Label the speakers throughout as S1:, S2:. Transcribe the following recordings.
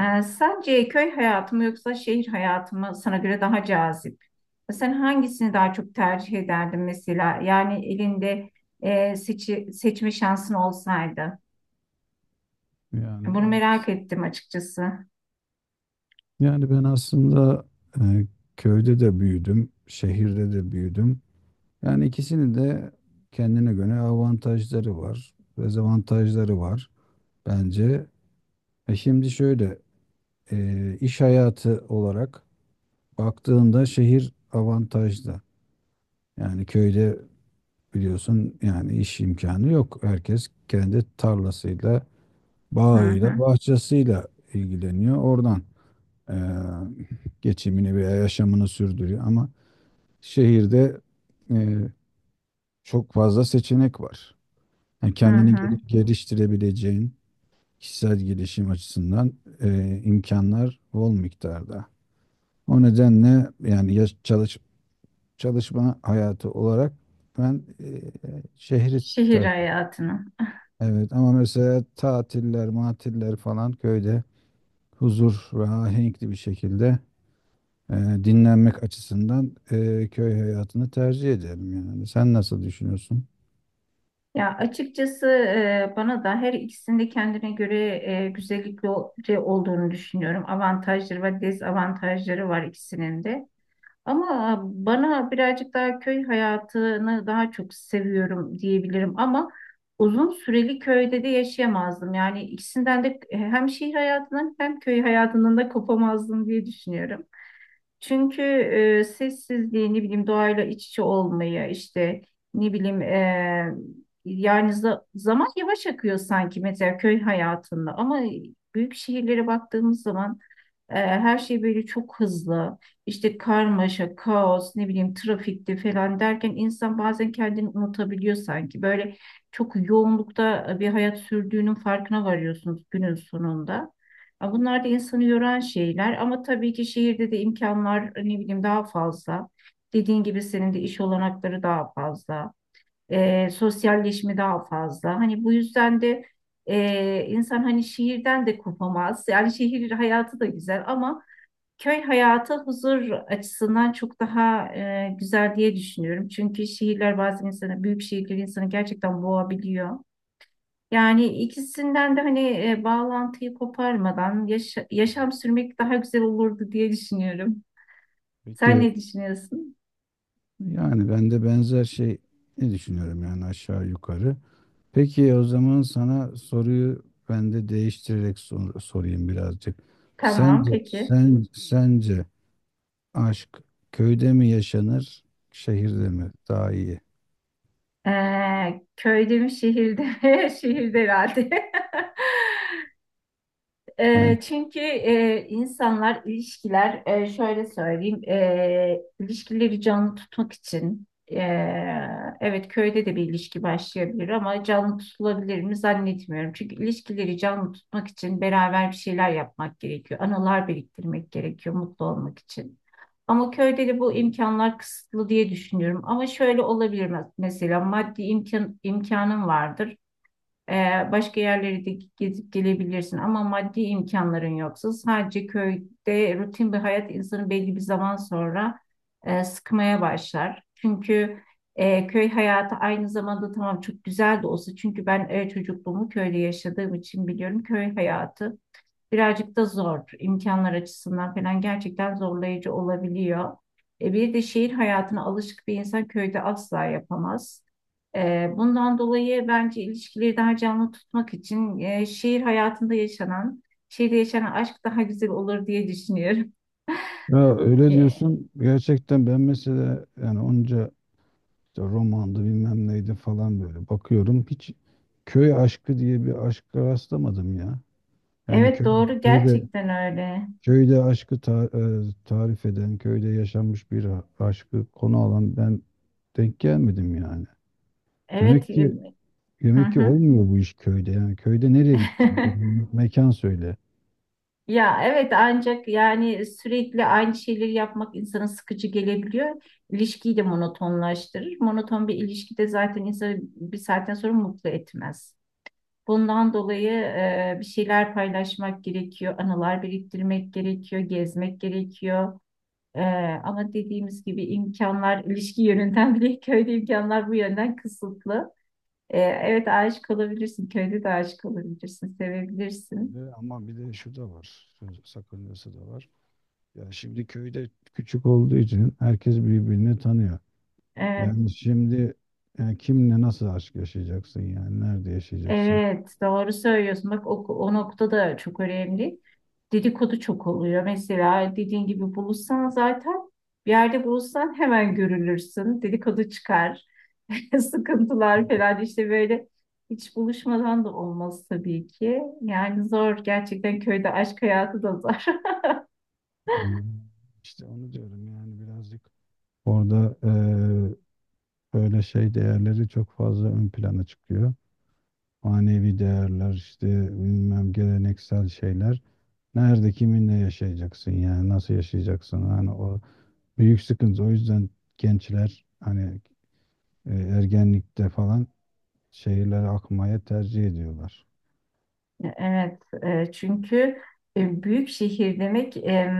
S1: Sence köy hayatı mı yoksa şehir hayatı mı sana göre daha cazip? Sen hangisini daha çok tercih ederdin mesela? Yani elinde seçme şansın olsaydı.
S2: Yani
S1: Bunu
S2: ben
S1: merak ettim açıkçası.
S2: yani ben aslında e, köyde de büyüdüm, şehirde de büyüdüm. Yani ikisinin de kendine göre avantajları var, dezavantajları var bence. E şimdi şöyle iş hayatı olarak baktığında şehir avantajlı. Yani köyde biliyorsun yani iş imkanı yok. Herkes kendi tarlasıyla,
S1: Hı
S2: bağıyla,
S1: hı,
S2: bahçesiyle ilgileniyor oradan. e, Geçimini veya yaşamını sürdürüyor. Ama şehirde e, çok fazla seçenek var. Yani
S1: hı hı.
S2: geliştirebileceğin kişisel gelişim açısından imkanlar bol miktarda. O nedenle yani çalışma hayatı olarak ben şehri
S1: Şehir
S2: tercih ederim.
S1: hayatını.
S2: Evet ama mesela tatiller, matiller falan köyde huzur ve ahenkli bir şekilde e, dinlenmek açısından köy hayatını tercih ederim yani. Sen nasıl düşünüyorsun?
S1: Ya açıkçası bana da her ikisinde kendine göre güzellikleri olduğunu düşünüyorum. Avantajları ve dezavantajları var ikisinin de. Ama bana birazcık daha köy hayatını daha çok seviyorum diyebilirim. Ama uzun süreli köyde de yaşayamazdım. Yani ikisinden de hem şehir hayatının hem köy hayatının da kopamazdım diye düşünüyorum. Çünkü sessizliği, ne bileyim doğayla iç içe olmayı, işte ne bileyim yani zaman yavaş akıyor sanki mesela köy hayatında ama büyük şehirlere baktığımız zaman her şey böyle çok hızlı. İşte karmaşa, kaos, ne bileyim trafikte falan derken insan bazen kendini unutabiliyor sanki. Böyle çok yoğunlukta bir hayat sürdüğünün farkına varıyorsunuz günün sonunda. Ya bunlar da insanı yoran şeyler ama tabii ki şehirde de imkanlar ne bileyim daha fazla. Dediğin gibi senin de iş olanakları daha fazla, sosyalleşme daha fazla. Hani bu yüzden de insan hani şehirden de kopamaz. Yani şehir hayatı da güzel ama köy hayatı huzur açısından çok daha güzel diye düşünüyorum. Çünkü şehirler bazen insanı, büyük şehirler insanı gerçekten boğabiliyor. Yani ikisinden de hani bağlantıyı koparmadan yaşam sürmek daha güzel olurdu diye düşünüyorum. Sen
S2: Peki
S1: ne düşünüyorsun?
S2: yani ben de benzer şey ne düşünüyorum yani aşağı yukarı. Peki o zaman sana soruyu ben de değiştirerek sorayım birazcık.
S1: Tamam,
S2: Sence
S1: peki.
S2: sen sence aşk köyde mi yaşanır, şehirde mi daha iyi?
S1: Köyde mi şehirde mi? Şehirde herhalde.
S2: Yani
S1: Çünkü insanlar ilişkiler şöyle söyleyeyim, ilişkileri canlı tutmak için, e, evet köyde de bir ilişki başlayabilir ama canlı tutulabilir mi zannetmiyorum. Çünkü ilişkileri canlı tutmak için beraber bir şeyler yapmak gerekiyor. Anılar biriktirmek gerekiyor mutlu olmak için. Ama köyde de bu imkanlar kısıtlı diye düşünüyorum. Ama şöyle olabilir mesela maddi imkanım vardır. Başka yerleri de gezip gelebilirsin ama maddi imkanların yoksa sadece köyde rutin bir hayat insanı belli bir zaman sonra sıkmaya başlar. Çünkü köy hayatı aynı zamanda tamam çok güzel de olsa çünkü ben çocukluğumu köyde yaşadığım için biliyorum köy hayatı birazcık da zor. İmkanlar açısından falan gerçekten zorlayıcı olabiliyor. Bir de şehir hayatına alışık bir insan köyde asla yapamaz. Bundan dolayı bence ilişkileri daha canlı tutmak için şehir hayatında şehirde yaşanan aşk daha güzel olur diye düşünüyorum.
S2: ya öyle
S1: E,
S2: diyorsun gerçekten ben mesela yani onca İşte romandı bilmem neydi falan böyle. Bakıyorum hiç köy aşkı diye bir aşka rastlamadım ya.
S1: Evet doğru
S2: Köyde
S1: gerçekten öyle.
S2: köyde tarif eden, köyde yaşanmış bir aşkı konu alan ben denk gelmedim yani.
S1: Evet.
S2: Demek ki
S1: Hı
S2: demek ki
S1: hı.
S2: olmuyor bu iş köyde. Yani köyde nereye gitti? Mekan söyle.
S1: Ya evet ancak yani sürekli aynı şeyleri yapmak insana sıkıcı gelebiliyor. İlişkiyi de monotonlaştırır. Monoton bir ilişki de zaten insanı bir saatten sonra mutlu etmez. Bundan dolayı bir şeyler paylaşmak gerekiyor, anılar biriktirmek gerekiyor, gezmek gerekiyor. E, ama dediğimiz gibi imkanlar ilişki yönünden bile köyde imkanlar bu yönden kısıtlı. Evet aşık olabilirsin, köyde de aşık olabilirsin, sevebilirsin.
S2: Ve ama bir de şu da var. Söz sakıncası da var. Ya şimdi köyde küçük olduğu için herkes birbirini tanıyor.
S1: Evet.
S2: Yani şimdi kimle nasıl aşk yaşayacaksın yani? Nerede yaşayacaksın?
S1: Evet, doğru söylüyorsun. Bak o nokta da çok önemli. Dedikodu çok oluyor. Mesela dediğin gibi buluşsan zaten bir yerde buluşsan hemen görülürsün. Dedikodu çıkar. Sıkıntılar falan işte böyle hiç buluşmadan da olmaz tabii ki. Yani zor gerçekten köyde aşk hayatı da zor.
S2: Yani işte onu diyorum yani birazcık orada böyle şey değerleri çok fazla ön plana çıkıyor. Manevi değerler işte bilmem geleneksel şeyler. Nerede kiminle yaşayacaksın yani nasıl yaşayacaksın? Yani büyük sıkıntı. O yüzden gençler hani ergenlikte falan şehirlere akmaya tercih ediyorlar.
S1: Evet, çünkü büyük şehir demek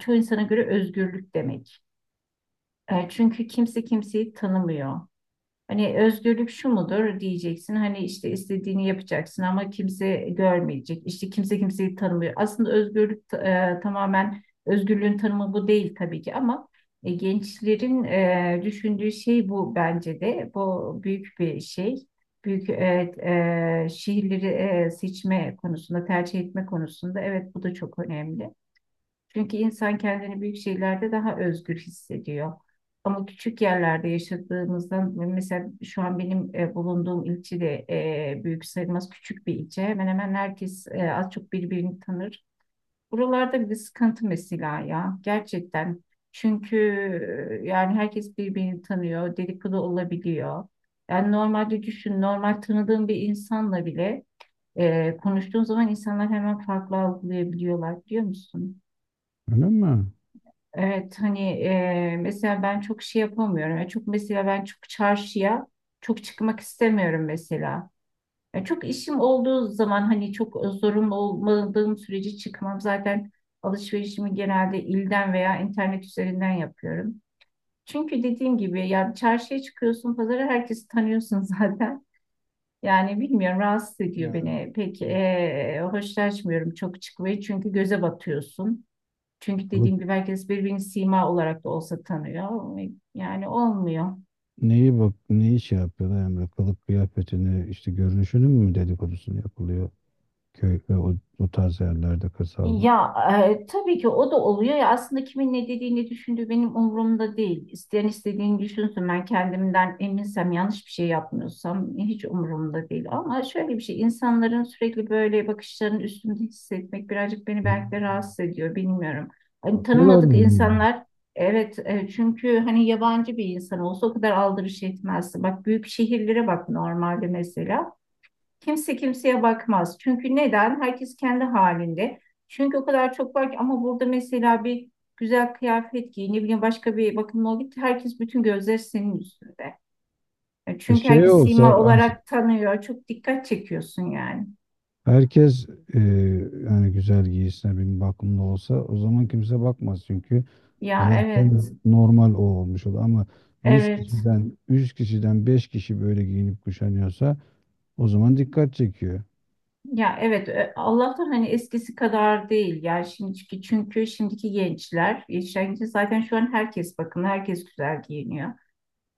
S1: çoğu insana göre özgürlük demek. E, Çünkü kimse kimseyi tanımıyor. Hani özgürlük şu mudur diyeceksin. Hani işte istediğini yapacaksın ama kimse görmeyecek. İşte kimse kimseyi tanımıyor. Aslında özgürlük tamamen özgürlüğün tanımı bu değil tabii ki ama gençlerin düşündüğü şey bu bence de. Bu büyük bir şey. Büyük evet, şehirleri seçme konusunda, tercih etme konusunda evet bu da çok önemli. Çünkü insan kendini büyük şeylerde daha özgür hissediyor. Ama küçük yerlerde yaşadığımızdan, mesela şu an benim bulunduğum ilçe de büyük sayılmaz, küçük bir ilçe. Hemen hemen herkes az çok birbirini tanır. Buralarda bir sıkıntı mesela ya gerçekten. Çünkü yani herkes birbirini tanıyor, dedikodu olabiliyor. Yani normalde düşün, normal tanıdığın bir insanla bile konuştuğun zaman insanlar hemen farklı algılayabiliyorlar biliyor musun?
S2: Öyle mi?
S1: Evet hani mesela ben çok şey yapamıyorum. Yani çok mesela ben çok çarşıya çok çıkmak istemiyorum mesela. Yani çok işim olduğu zaman hani çok zorunlu olmadığım sürece çıkmam. Zaten alışverişimi genelde ilden veya internet üzerinden yapıyorum. Çünkü dediğim gibi yani çarşıya çıkıyorsun, pazara herkesi tanıyorsun zaten. Yani bilmiyorum rahatsız ediyor
S2: Yani
S1: beni. Pek
S2: kılık,
S1: hoşlaşmıyorum çok çıkmayı çünkü göze batıyorsun. Çünkü
S2: kılık
S1: dediğim gibi herkes birbirini sima olarak da olsa tanıyor. Yani olmuyor.
S2: neyi bak neyi yapıyorlar Emre? Kılık kıyafetini işte görünüşünün mü dedikodusunu yapılıyor köy ve o tarz yerlerde kırsal.
S1: Ya tabii ki o da oluyor ya, aslında kimin ne dediğini düşündüğü benim umurumda değil. İsteyen istediğini düşünsün, ben kendimden eminsem yanlış bir şey yapmıyorsam hiç umurumda değil. Ama şöyle bir şey, insanların sürekli böyle bakışlarının üstünde hissetmek birazcık beni
S2: Ha.
S1: belki de rahatsız ediyor bilmiyorum. Hani
S2: Bakıyorlar
S1: tanımadık
S2: mı?
S1: insanlar, evet çünkü hani yabancı bir insan olsa o kadar aldırış etmezsin. Bak büyük şehirlere bak normalde mesela. Kimse kimseye bakmaz. Çünkü neden? Herkes kendi halinde. Çünkü o kadar çok var ki ama burada mesela bir güzel kıyafet giy, ne bileyim başka bir bakımla ol git. Herkes bütün gözler senin üstünde. E,
S2: Bir
S1: Çünkü
S2: şey
S1: herkes
S2: olsa
S1: sima olarak tanıyor. Çok dikkat çekiyorsun yani.
S2: herkes e, yani güzel giyisine bir bakımda olsa o zaman kimse bakmaz çünkü
S1: Ya
S2: zaten
S1: evet,
S2: normal o olmuş olur ama yüz
S1: evet.
S2: kişiden yüz kişiden 5 kişi böyle giyinip kuşanıyorsa o zaman dikkat çekiyor.
S1: Ya evet, Allah'tan hani eskisi kadar değil yani şimdiki çünkü şimdiki gençler, yetişen gençler zaten şu an herkes, bakın herkes güzel giyiniyor.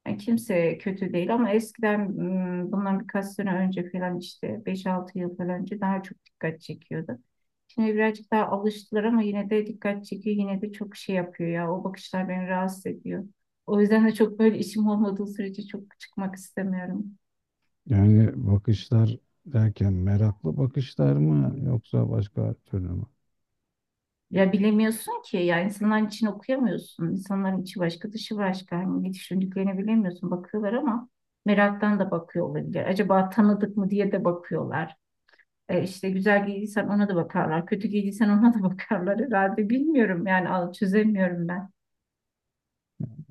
S1: Yani kimse kötü değil ama eskiden, bundan birkaç sene önce falan işte beş altı yıl falan önce daha çok dikkat çekiyordu. Şimdi birazcık daha alıştılar ama yine de dikkat çekiyor. Yine de çok şey yapıyor ya. O bakışlar beni rahatsız ediyor. O yüzden de çok böyle işim olmadığı sürece çok çıkmak istemiyorum.
S2: Yani bakışlar derken meraklı bakışlar mı yoksa başka türlü mü?
S1: Ya bilemiyorsun ki ya, insanların için okuyamıyorsun. İnsanların içi başka, dışı başka. Hani ne düşündüklerini bilemiyorsun. Bakıyorlar ama meraktan da bakıyor olabilir. Acaba tanıdık mı diye de bakıyorlar. İşte güzel giydiysen ona da bakarlar. Kötü giydiysen ona da bakarlar herhalde. Bilmiyorum yani, al çözemiyorum ben.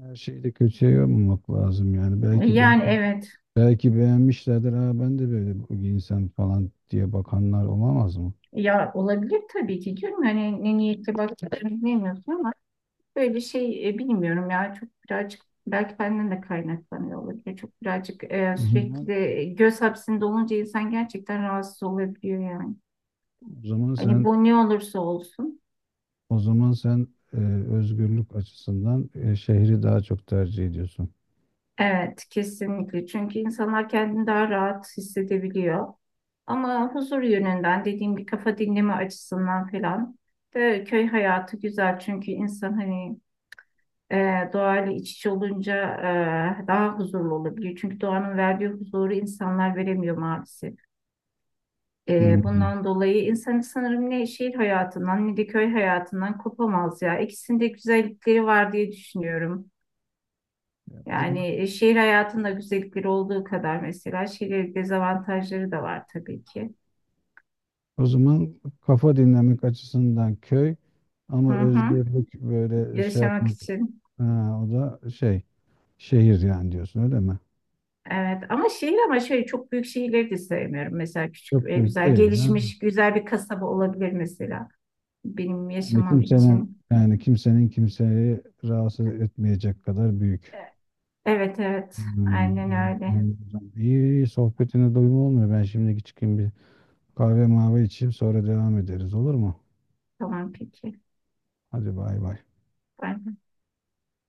S2: Her şeyi de kötüye yormamak lazım yani
S1: Yani evet
S2: belki beğenmişlerdir ha ben de böyle giyinsem falan diye bakanlar olamaz mı?
S1: ya, olabilir tabii ki canım. Hani ne niyetle baktığını bilmiyorsun ama böyle şey bilmiyorum ya. Çok birazcık belki benden de kaynaklanıyor olabilir. Çok birazcık
S2: O
S1: sürekli
S2: zaman
S1: de göz hapsinde olunca insan gerçekten rahatsız olabiliyor yani.
S2: o zaman
S1: Hani
S2: sen
S1: bu ne olursa olsun.
S2: O zaman sen e, özgürlük açısından şehri daha çok tercih ediyorsun.
S1: Evet, kesinlikle. Çünkü insanlar kendini daha rahat hissedebiliyor. Ama huzur yönünden dediğim gibi kafa dinleme açısından falan da köy hayatı güzel. Çünkü insan hani doğayla iç içe olunca daha huzurlu olabiliyor. Çünkü doğanın verdiği huzuru insanlar veremiyor maalesef.
S2: Hmm.
S1: Bundan dolayı insan sanırım ne şehir hayatından ne de köy hayatından kopamaz ya. İkisinde güzellikleri var diye düşünüyorum.
S2: O zaman,
S1: Yani şehir hayatında güzellikleri olduğu kadar mesela şehir dezavantajları da var tabii ki.
S2: o zaman kafa dinlemek açısından köy
S1: Hı
S2: ama
S1: hı.
S2: özgürlük böyle şey
S1: Yaşamak
S2: yapmak,
S1: için.
S2: ha, o da şehir yani diyorsun öyle mi?
S1: Evet ama şehir, ama şöyle çok büyük şehirleri de sevmiyorum. Mesela küçük
S2: Çok
S1: ve
S2: büyük
S1: güzel
S2: değil ha.
S1: gelişmiş güzel bir kasaba olabilir mesela benim
S2: Yani
S1: yaşamam
S2: kimsenin
S1: için.
S2: yani kimsenin kimseyi rahatsız etmeyecek kadar büyük.
S1: E, Evet evet
S2: Hmm,
S1: aynen öyle.
S2: anladım. İyi, iyi sohbetine doyum olmuyor. Ben şimdi çıkayım bir kahve mavi içeyim sonra devam ederiz olur mu?
S1: Tamam peki.
S2: Hadi bay bay.
S1: Ben